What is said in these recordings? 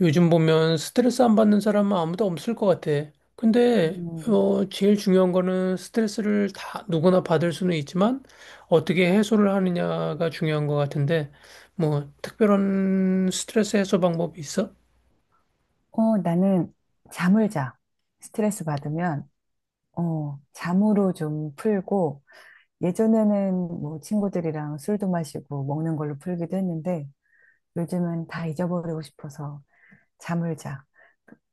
요즘 보면 스트레스 안 받는 사람은 아무도 없을 것 같아. 근데, 음, 제일 중요한 거는 스트레스를 다 누구나 받을 수는 있지만 어떻게 해소를 하느냐가 중요한 것 같은데, 뭐, 특별한 스트레스 해소 방법이 있어? 나는 잠을 자. 스트레스 받으면, 잠으로 좀 풀고, 예전에는 뭐 친구들이랑 술도 마시고 먹는 걸로 풀기도 했는데, 요즘은 다 잊어버리고 싶어서 잠을 자.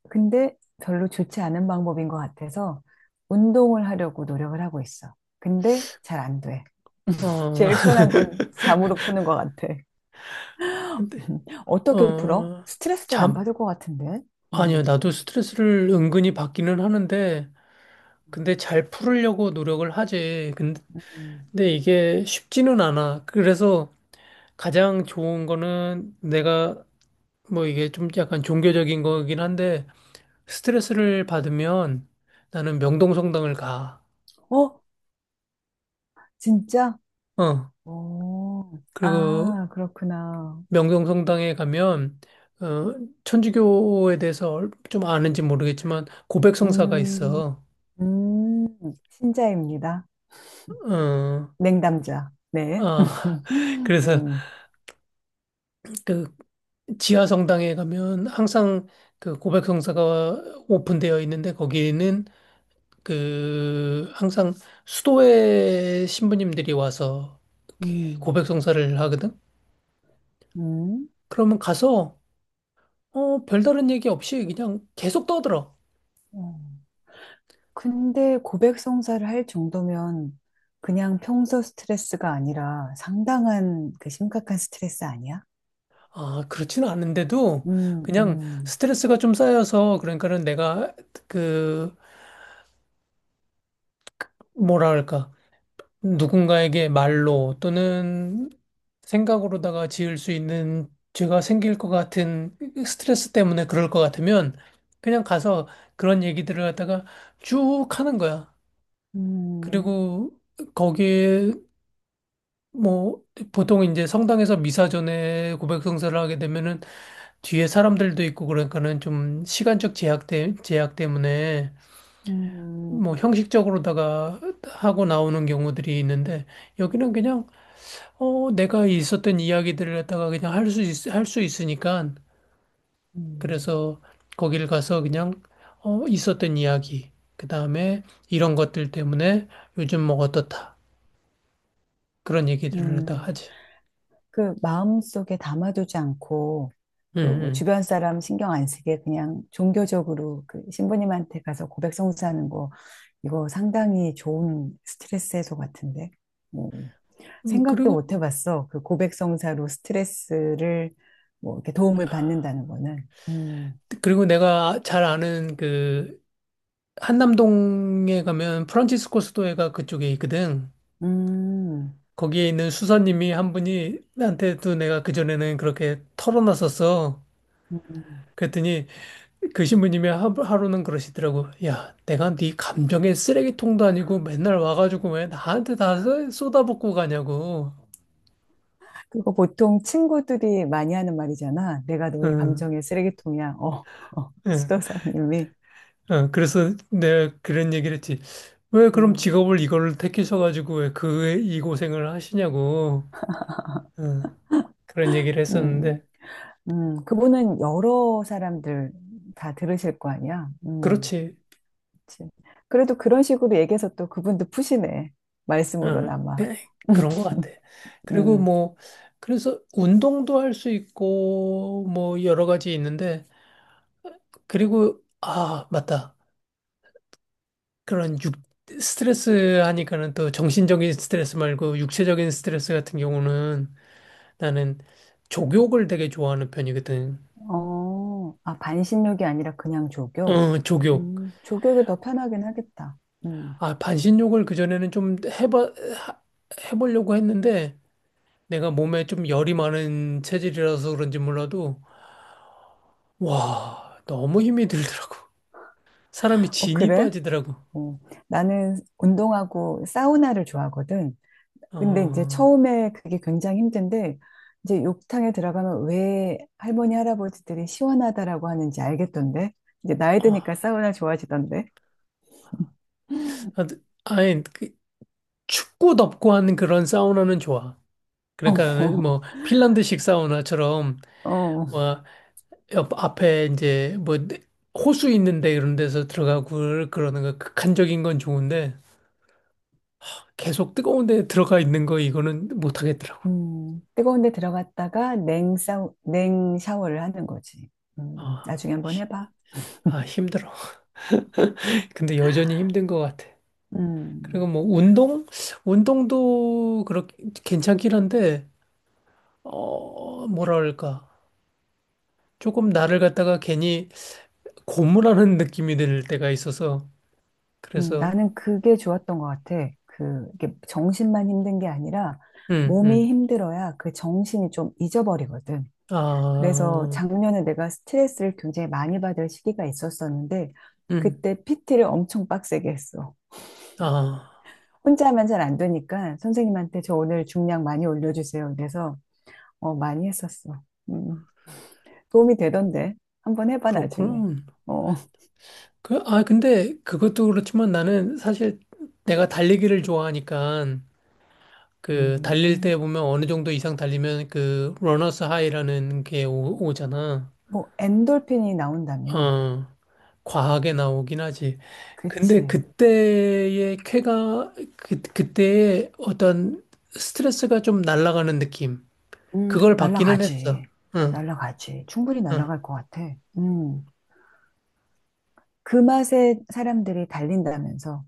근데 별로 좋지 않은 방법인 것 같아서 운동을 하려고 노력을 하고 있어. 근데 잘 안 돼. 어, 제일 편한 건 잠으로 푸는 것 같아. 근데, 어떻게 풀어? 어, 스트레스를 안 잠, 받을 것 같은데. 아니요. 음. 나도 스트레스를 은근히 받기는 하는데, 근데 잘 풀으려고 노력을 하지. 근데 음. 근데 이게 쉽지는 않아. 그래서 가장 좋은 거는 내가 뭐 이게 좀 약간 종교적인 거긴 한데 스트레스를 받으면 나는 명동성당을 가. 어? 진짜? 어. 어, 그리고 아, 그렇구나. 명동성당에 가면 어 천주교에 대해서 좀 아는지 모르겠지만 고백성사가 음. 있어. 음. 신자입니다. 어. 냉담자. 네. 아. 그래서 음. 그 지하 성당에 가면 항상 그 고백성사가 오픈되어 있는데 거기는 그 항상 수도에 신부님들이 와서 이렇게 음. 고백 성사를 하거든. 음. 그러면 가서 별다른 얘기 없이 그냥 계속 떠들어. 어, 근데 고백 성사를 할 정도면 그냥 평소 스트레스가 아니라 상당한 그 심각한 스트레스 아니야? 아, 그렇지는 않은데도 음. 그냥 음. 스트레스가 좀 쌓여서 그러니까는 내가 그 뭐라 할까 누군가에게 말로 또는 생각으로다가 지을 수 있는 죄가 생길 것 같은 스트레스 때문에 그럴 것 같으면 그냥 가서 그런 얘기들을 갖다가 쭉 하는 거야. 음. 그리고 거기에 뭐 보통 이제 성당에서 미사 전에 고백성사를 하게 되면은 뒤에 사람들도 있고 그러니까는 좀 시간적 제약 때문에 음. 뭐 형식적으로다가 하고 나오는 경우들이 있는데 여기는 그냥 어, 내가 있었던 이야기들을 갖다가 그냥 할 수 있으니까, 음. 그래서 거기를 가서 그냥, 어, 있었던 이야기, 그 다음에 이런 것들 때문에 요즘 뭐 어떻다. 그런 얘기들을 갖다가 음. 하지. 그 마음속에 담아두지 않고 그 뭐 응, 주변 사람 신경 안 쓰게 그냥 종교적으로 그 신부님한테 가서 고백 성사하는 거, 이거 상당히 좋은 스트레스 해소 같은데. 음. 응. 생각도 못 해봤어, 그 고백 성사로 스트레스를 뭐 이렇게 도움을 받는다는 거는. 그리고 내가 잘 아는 그, 한남동에 가면 프란치스코 스토어가 그쪽에 있거든. 음, 거기에 있는 수사님이 한 분이 나한테도 내가 그전에는 그렇게 털어놨었어. 음. 그랬더니 그 신부님이 하루는 그러시더라고. 야, 내가 네 감정의 쓰레기통도 아니고 맨날 와가지고 왜 나한테 다 쏟아붓고 가냐고. 그거 보통 친구들이 많이 하는 말이잖아. 내가 너의 응, 감정의 쓰레기통이야. 어, 어, 응, 수도사님이. 응. 그래서 내가 그런 얘기를 했지. 왜 그럼 음. 직업을 이걸 택하셔가지고 왜 그 이 고생을 하시냐고. 응, 그런 얘기를 음. 했었는데. 그분은 여러 사람들 다 들으실 거 아니야. 음. 그렇지. 그치. 그래도 그런 식으로 얘기해서 또 그분도 푸시네. 응, 응. 말씀으로나마. 그런 것 같아. 그리고 음. 뭐, 그래서 운동도 할 수 있고, 뭐, 여러 가지 있는데. 그리고, 아, 맞다. 그런 육, 스트레스 하니까는 또 정신적인 스트레스 말고 육체적인 스트레스 같은 경우는 나는 족욕을 되게 좋아하는 편이거든. 어, 아, 반신욕이 아니라 그냥 조교? 어, 족욕. 조교가 더 편하긴 하겠다. 음. 아, 반신욕을 그전에는 하- 해보려고 했는데 내가 몸에 좀 열이 많은 체질이라서 그런지 몰라도 와, 너무 힘이 들더라고. 사람이 어, 진이 그래? 빠지더라고. 어, 나는 운동하고 사우나를 좋아하거든. 근데 이제 어, 처음에 그게 굉장히 힘든데 이제 욕탕에 들어가면 왜 할머니 할아버지들이 시원하다라고 하는지 알겠던데, 이제 나이 어, 드니까 사우나 좋아지던데. 아니, 그 춥고 덥고 하는 그런 사우나는 좋아. 그러니까 뭐 핀란드식 사우나처럼 어, 어. 뭐 옆 앞에 이제 뭐 호수 있는데 이런 데서 들어가고 그러는 거 극한적인 건 좋은데 계속 뜨거운 데 들어가 있는 거 이거는 못 하겠더라고. 뜨거운 데 들어갔다가 냉 샤워를 하는 거지. 아, 나중에 한번 히- 해봐. 아 힘들어. 근데 여전히 힘든 것 같아. 그리고 음. 뭐 운동도 그렇게 괜찮긴 한데 어 뭐랄까 조금 나를 갖다가 괜히 고무라는 느낌이 들 때가 있어서 그래서 나는 그게 좋았던 것 같아. 그, 이게 정신만 힘든 게 아니라 음, 몸이 음. 힘들어야 그 정신이 좀 잊어버리거든. 그래서 아, 작년에 내가 스트레스를 굉장히 많이 받을 시기가 있었었는데 음, 그때 PT를 엄청 빡세게 했어. 아, 혼자 하면 잘 안 되니까 선생님한테 저 오늘 중량 많이 올려주세요. 그래서 어, 많이 했었어. 음. 도움이 되던데. 한번 해봐 나중에. 그렇군. 어. 그, 아, 근데 그것도 그렇지만 나는 사실 내가 달리기를 좋아하니까 그 달릴 음, 때 보면 어느 정도 이상 달리면 그 러너스 하이라는 게 오잖아. 뭐 엔돌핀이 나온다며. 어, 과하게 나오긴 하지. 근데 그치. 그때의 어떤 스트레스가 좀 날아가는 느낌. 음. 그걸 받기는 날라가지. 했어. 응, 날라가지. 충분히 응. 날라갈 것 같아. 음. 그 맛에 사람들이 달린다면서.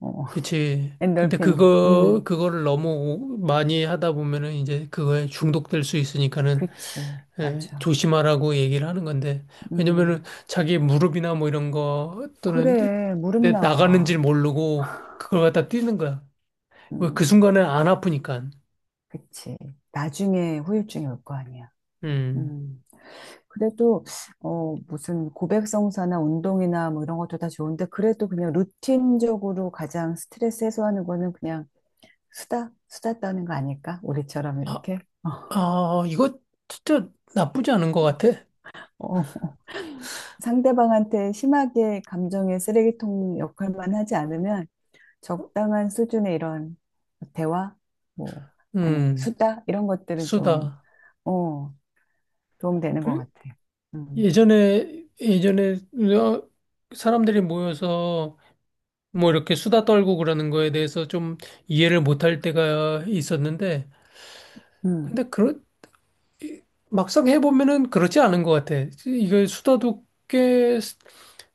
어, 그치. 근데 엔돌핀. 음. 그거를 너무 많이 하다 보면은 이제 그거에 중독될 수 있으니까는 그치, 예, 맞아. 조심하라고 얘기를 하는 건데. 왜냐면은 음. 자기 무릎이나 뭐 이런 거 또는 그래, 무릎 내 나가는 나가. 줄 모르고 그걸 갖다 뛰는 거야. 왜 그 음. 순간에 안 아프니까. 그치. 나중에 후유증이 올 거 아니야. 음. 음. 그래도, 어, 무슨 고백성사나 운동이나 뭐 이런 것도 다 좋은데, 그래도 그냥 루틴적으로 가장 스트레스 해소하는 거는 그냥 수다, 수다 떠는 거 아닐까? 우리처럼 아, 이렇게. 아, 이거 진짜 나쁘지 않은 것 같아. 어, 어. 상대방한테 심하게 감정의 쓰레기통 역할만 하지 않으면 적당한 수준의 이런 대화, 뭐, 아니, 음, 수다, 이런 것들은 좀, 수다. 어, 도움되는 것 그래? 같아. 음. 예전에 어, 사람들이 모여서 뭐 이렇게 수다 떨고 그러는 거에 대해서 좀 이해를 못할 때가 있었는데, 음. 근데 그런 막상 해보면은 그렇지 않은 것 같아. 이게 수다도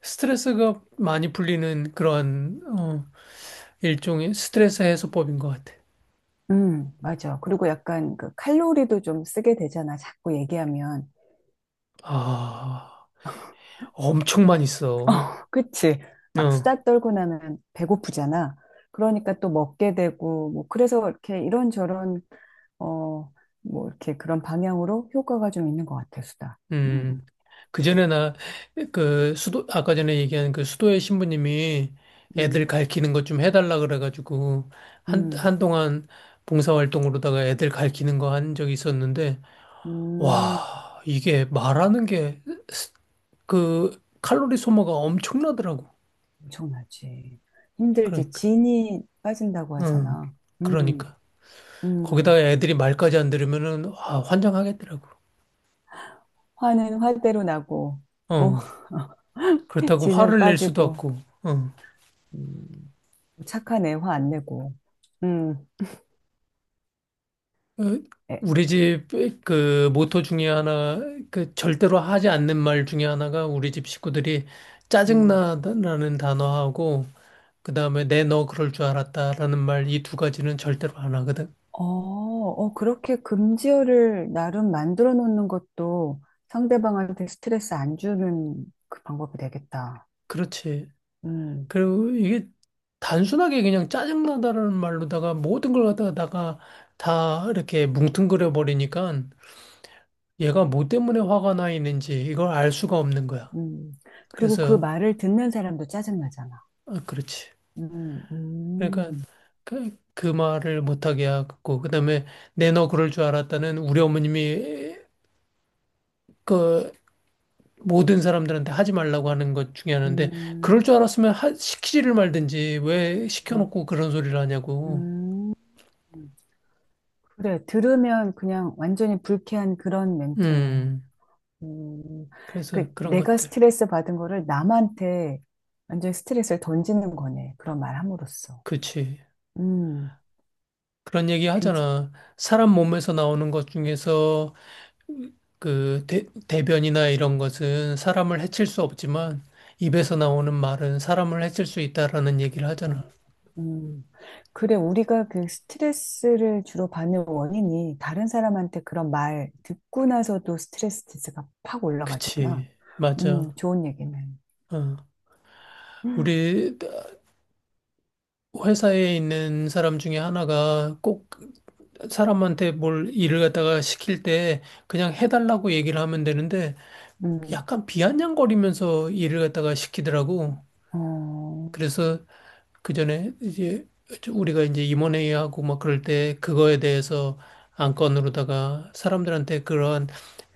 스트레스가 많이 풀리는 그러한 어, 일종의 스트레스 해소법인 것 같아. 맞아. 그리고 약간 그 칼로리도 좀 쓰게 되잖아. 자꾸 얘기하면. 아, 엄청 많이 써. 어, 그치. 막 어. 수다 떨고 나면 배고프잖아. 그러니까 또 먹게 되고, 뭐, 그래서 이렇게 이런저런, 어, 뭐, 이렇게 그런 방향으로 효과가 좀 있는 것 같아, 수다. 음, 음. 그 전에 나, 그, 수도, 아까 전에 얘기한 그 수도의 신부님이 애들 음. 가르치는 것 좀 해달라 그래가지고, 음. 한동안 봉사활동으로다가 애들 가르치는 거 한 적이 있었는데, 음. 와, 이게 말하는 게, 스- 그, 칼로리 소모가 엄청나더라고. 엄청나지. 힘들지. 그러니까. 진이 빠진다고 응, 하잖아. 음. 그러니까. 거기다가 음. 애들이 말까지 안 들으면은, 아, 환장하겠더라고. 화는 화대로 나고, 어, 어, 그렇다고 진은 화를 낼 수도 빠지고, 없고, 어. 음. 착하네, 화 안 내고. 음. 어, 에. 우리 집 그 모토 중에 하나, 그 절대로 하지 않는 말 중에 하나가 우리 집 식구들이 음. 짜증나다라는 단어하고, 그 다음에 내 너 그럴 줄 알았다라는 말 이 두 가지는 절대로 안 하거든. 어, 어, 그렇게 금지어를 나름 만들어 놓는 것도 상대방한테 스트레스 안 주는 그 방법이 되겠다. 그렇지. 음. 그리고 이게 단순하게 그냥 짜증나다라는 말로다가 모든 걸 갖다가 다 이렇게 뭉뚱그려 버리니까 얘가 뭐 때문에 화가 나 있는지 이걸 알 수가 없는 거야. 음. 그리고 그 그래서, 말을 듣는 사람도 짜증나잖아. 아, 그렇지. 음. 그러니까 음. 그 말을 못하게 하고 그다음에 내 너 그럴 줄 알았다는 우리 어머님이 그 모든 사람들한테 하지 말라고 하는 것 중에 하나인데 음. 그럴 줄 알았으면 시키지를 말든지 왜 음. 시켜놓고 그런 소리를 하냐고. 음, 그래. 들으면 그냥 완전히 불쾌한 그런 멘트네. 음, 음. 그 그래서 그런 내가 것들. 스트레스 받은 거를 남한테 완전히 스트레스를 던지는 거네. 그런 말 함으로써. 그치. 음. 그런 얘기 괜찮, 하잖아. 사람 몸에서 나오는 것 중에서 그 대변이나 이런 것은 사람을 해칠 수 없지만 입에서 나오는 말은 사람을 해칠 수 있다라는 얘기를 어. 하잖아. 음. 그래. 우리가 그 스트레스를 주로 받는 원인이 다른 사람한테 그런 말 듣고 나서도 스트레스가 팍 올라가잖아. 그치, 맞아. 좋은 얘기네. 어. 음. 우리 회사에 있는 사람 중에 하나가 꼭 사람한테 뭘 일을 갖다가 시킬 때 그냥 해달라고 얘기를 하면 되는데 약간 비아냥거리면서 일을 갖다가 시키더라고. 어. 그래서 그 전에 이제 우리가 이제 임원회의하고 막 그럴 때 그거에 대해서 안건으로다가 사람들한테 그러한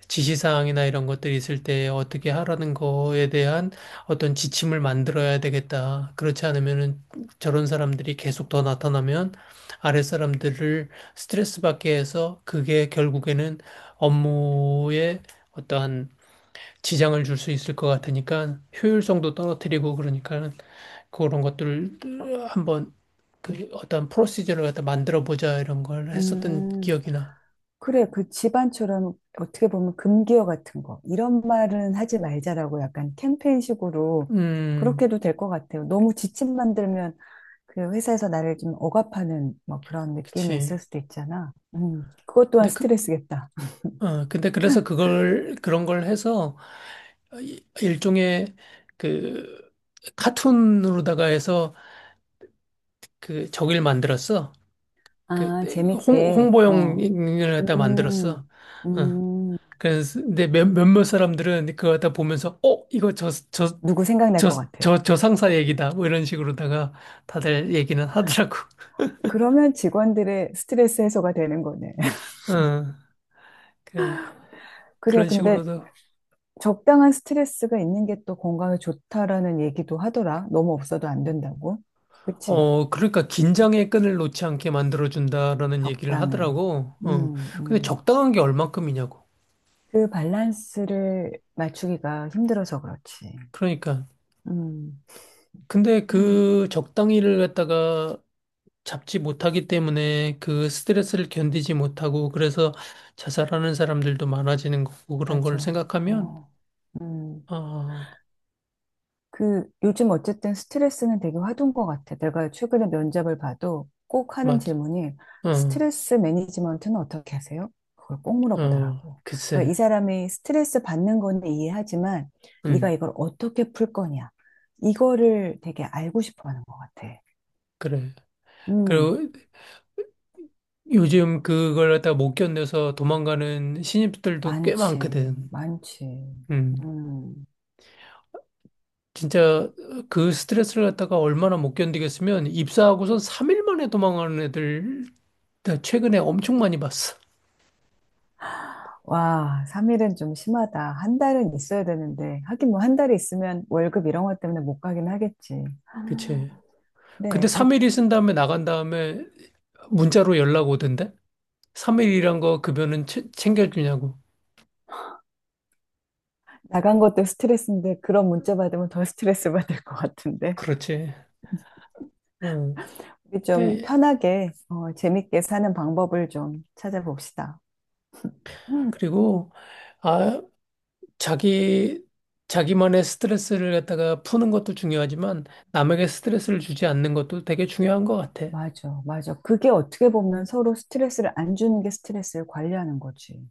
지시사항이나 이런 것들이 있을 때 어떻게 하라는 거에 대한 어떤 지침을 만들어야 되겠다. 그렇지 않으면은 저런 사람들이 계속 더 나타나면 아랫 사람들을 스트레스 받게 해서 그게 결국에는 업무에 어떠한 지장을 줄 수 있을 것 같으니까 효율성도 떨어뜨리고 그러니까 그런 것들을 한번 그 어떤 프로시저를 갖다 만들어 보자 이런 걸 했었던 음. 기억이나. 그래, 그 집안처럼 어떻게 보면 금기어 같은 거. 이런 말은 하지 말자라고 약간 캠페인식으로 그렇게 음, 도 될 것 같아요. 너무 지침 만들면 그 회사에서 나를 좀 억압하는 뭐 그런 느낌이 그치. 있을 수도 있잖아. 그것 또한 근데 그, 스트레스겠다. 어, 근데 그래서 그런 걸 해서 일종의 그 카툰으로다가 해서 그저를 만들었어. 그 아, 재밌게. 어. 홍보용을 갖다 만들었어. 음. 어. 음. 그래서 근데 몇몇 사람들은 그거 갖다 보면서 어, 이거 저, 저, 누구 생각날 저, 것 같아. 저, 저 상사 얘기다. 뭐 이런 식으로다가 다들 얘기는 하더라고. 그러면 직원들의 스트레스 해소가 되는 거네. 어. 그, 그래, 그런 근데 식으로도 적당한 스트레스가 있는 게 또 건강에 좋다라는 얘기도 하더라. 너무 없어도 안 된다고. 그치? 어, 그러니까 긴장의 끈을 놓지 않게 만들어준다라는 얘기를 적당히. 하더라고. 어, 음. 근데 음. 적당한 게 얼만큼이냐고. 그 밸런스를 맞추기가 힘들어서 그렇지. 그러니까. 음. 근데 음, 그 적당히를 갖다가 잡지 못하기 때문에 그 스트레스를 견디지 못하고 그래서 자살하는 사람들도 많아지는 거고 그런 걸 맞아. 생각하면, 어. 음. 아, 그 요즘 어쨌든 스트레스는 되게 화두인 것 같아. 내가 최근에 면접을 봐도 꼭 하는 맞아. 질문이 어, 스트레스 매니지먼트는 어떻게 하세요? 그걸 꼭 어, 물어보더라고. 그러니까 이 글쎄. 사람이 스트레스 받는 건 이해하지만 네가 음, 이걸 어떻게 풀 거냐. 이거를 되게 알고 싶어 하는 것 같아. 그래. 음. 그리고 요즘 그걸 갖다가 못 견뎌서 도망가는 신입들도 꽤 많지, 많거든. 많지. 음. 음. 진짜 어, 그 스트레스를 갖다가 얼마나 못 견디겠으면 입사하고선 3일 만에 도망가는 애들 나 최근에 엄청 많이 봤어. 와, 3일은 좀 심하다. 한 달은 있어야 되는데. 하긴 뭐 한 달이 있으면 월급 이런 것 때문에 못 가긴 하겠지. 그치. 근데 그래. 아, 3일 있은 다음에 나간 다음에 문자로 연락 오던데? 3일이란 거 급여는 챙겨주냐고. 나간 것도 스트레스인데 그런 문자 받으면 더 스트레스 받을 것 같은데. 그렇지. 응. 우리 좀 근데 편하게 어, 재밌게 사는 방법을 좀 찾아봅시다. 음, 그리고 아 자기 자기만의 스트레스를 갖다가 푸는 것도 중요하지만 남에게 스트레스를 주지 않는 것도 되게 중요한 것 같아. 맞아, 맞아. 그게 어떻게 보면 서로 스트레스를 안 주는 게 스트레스를 관리하는 거지.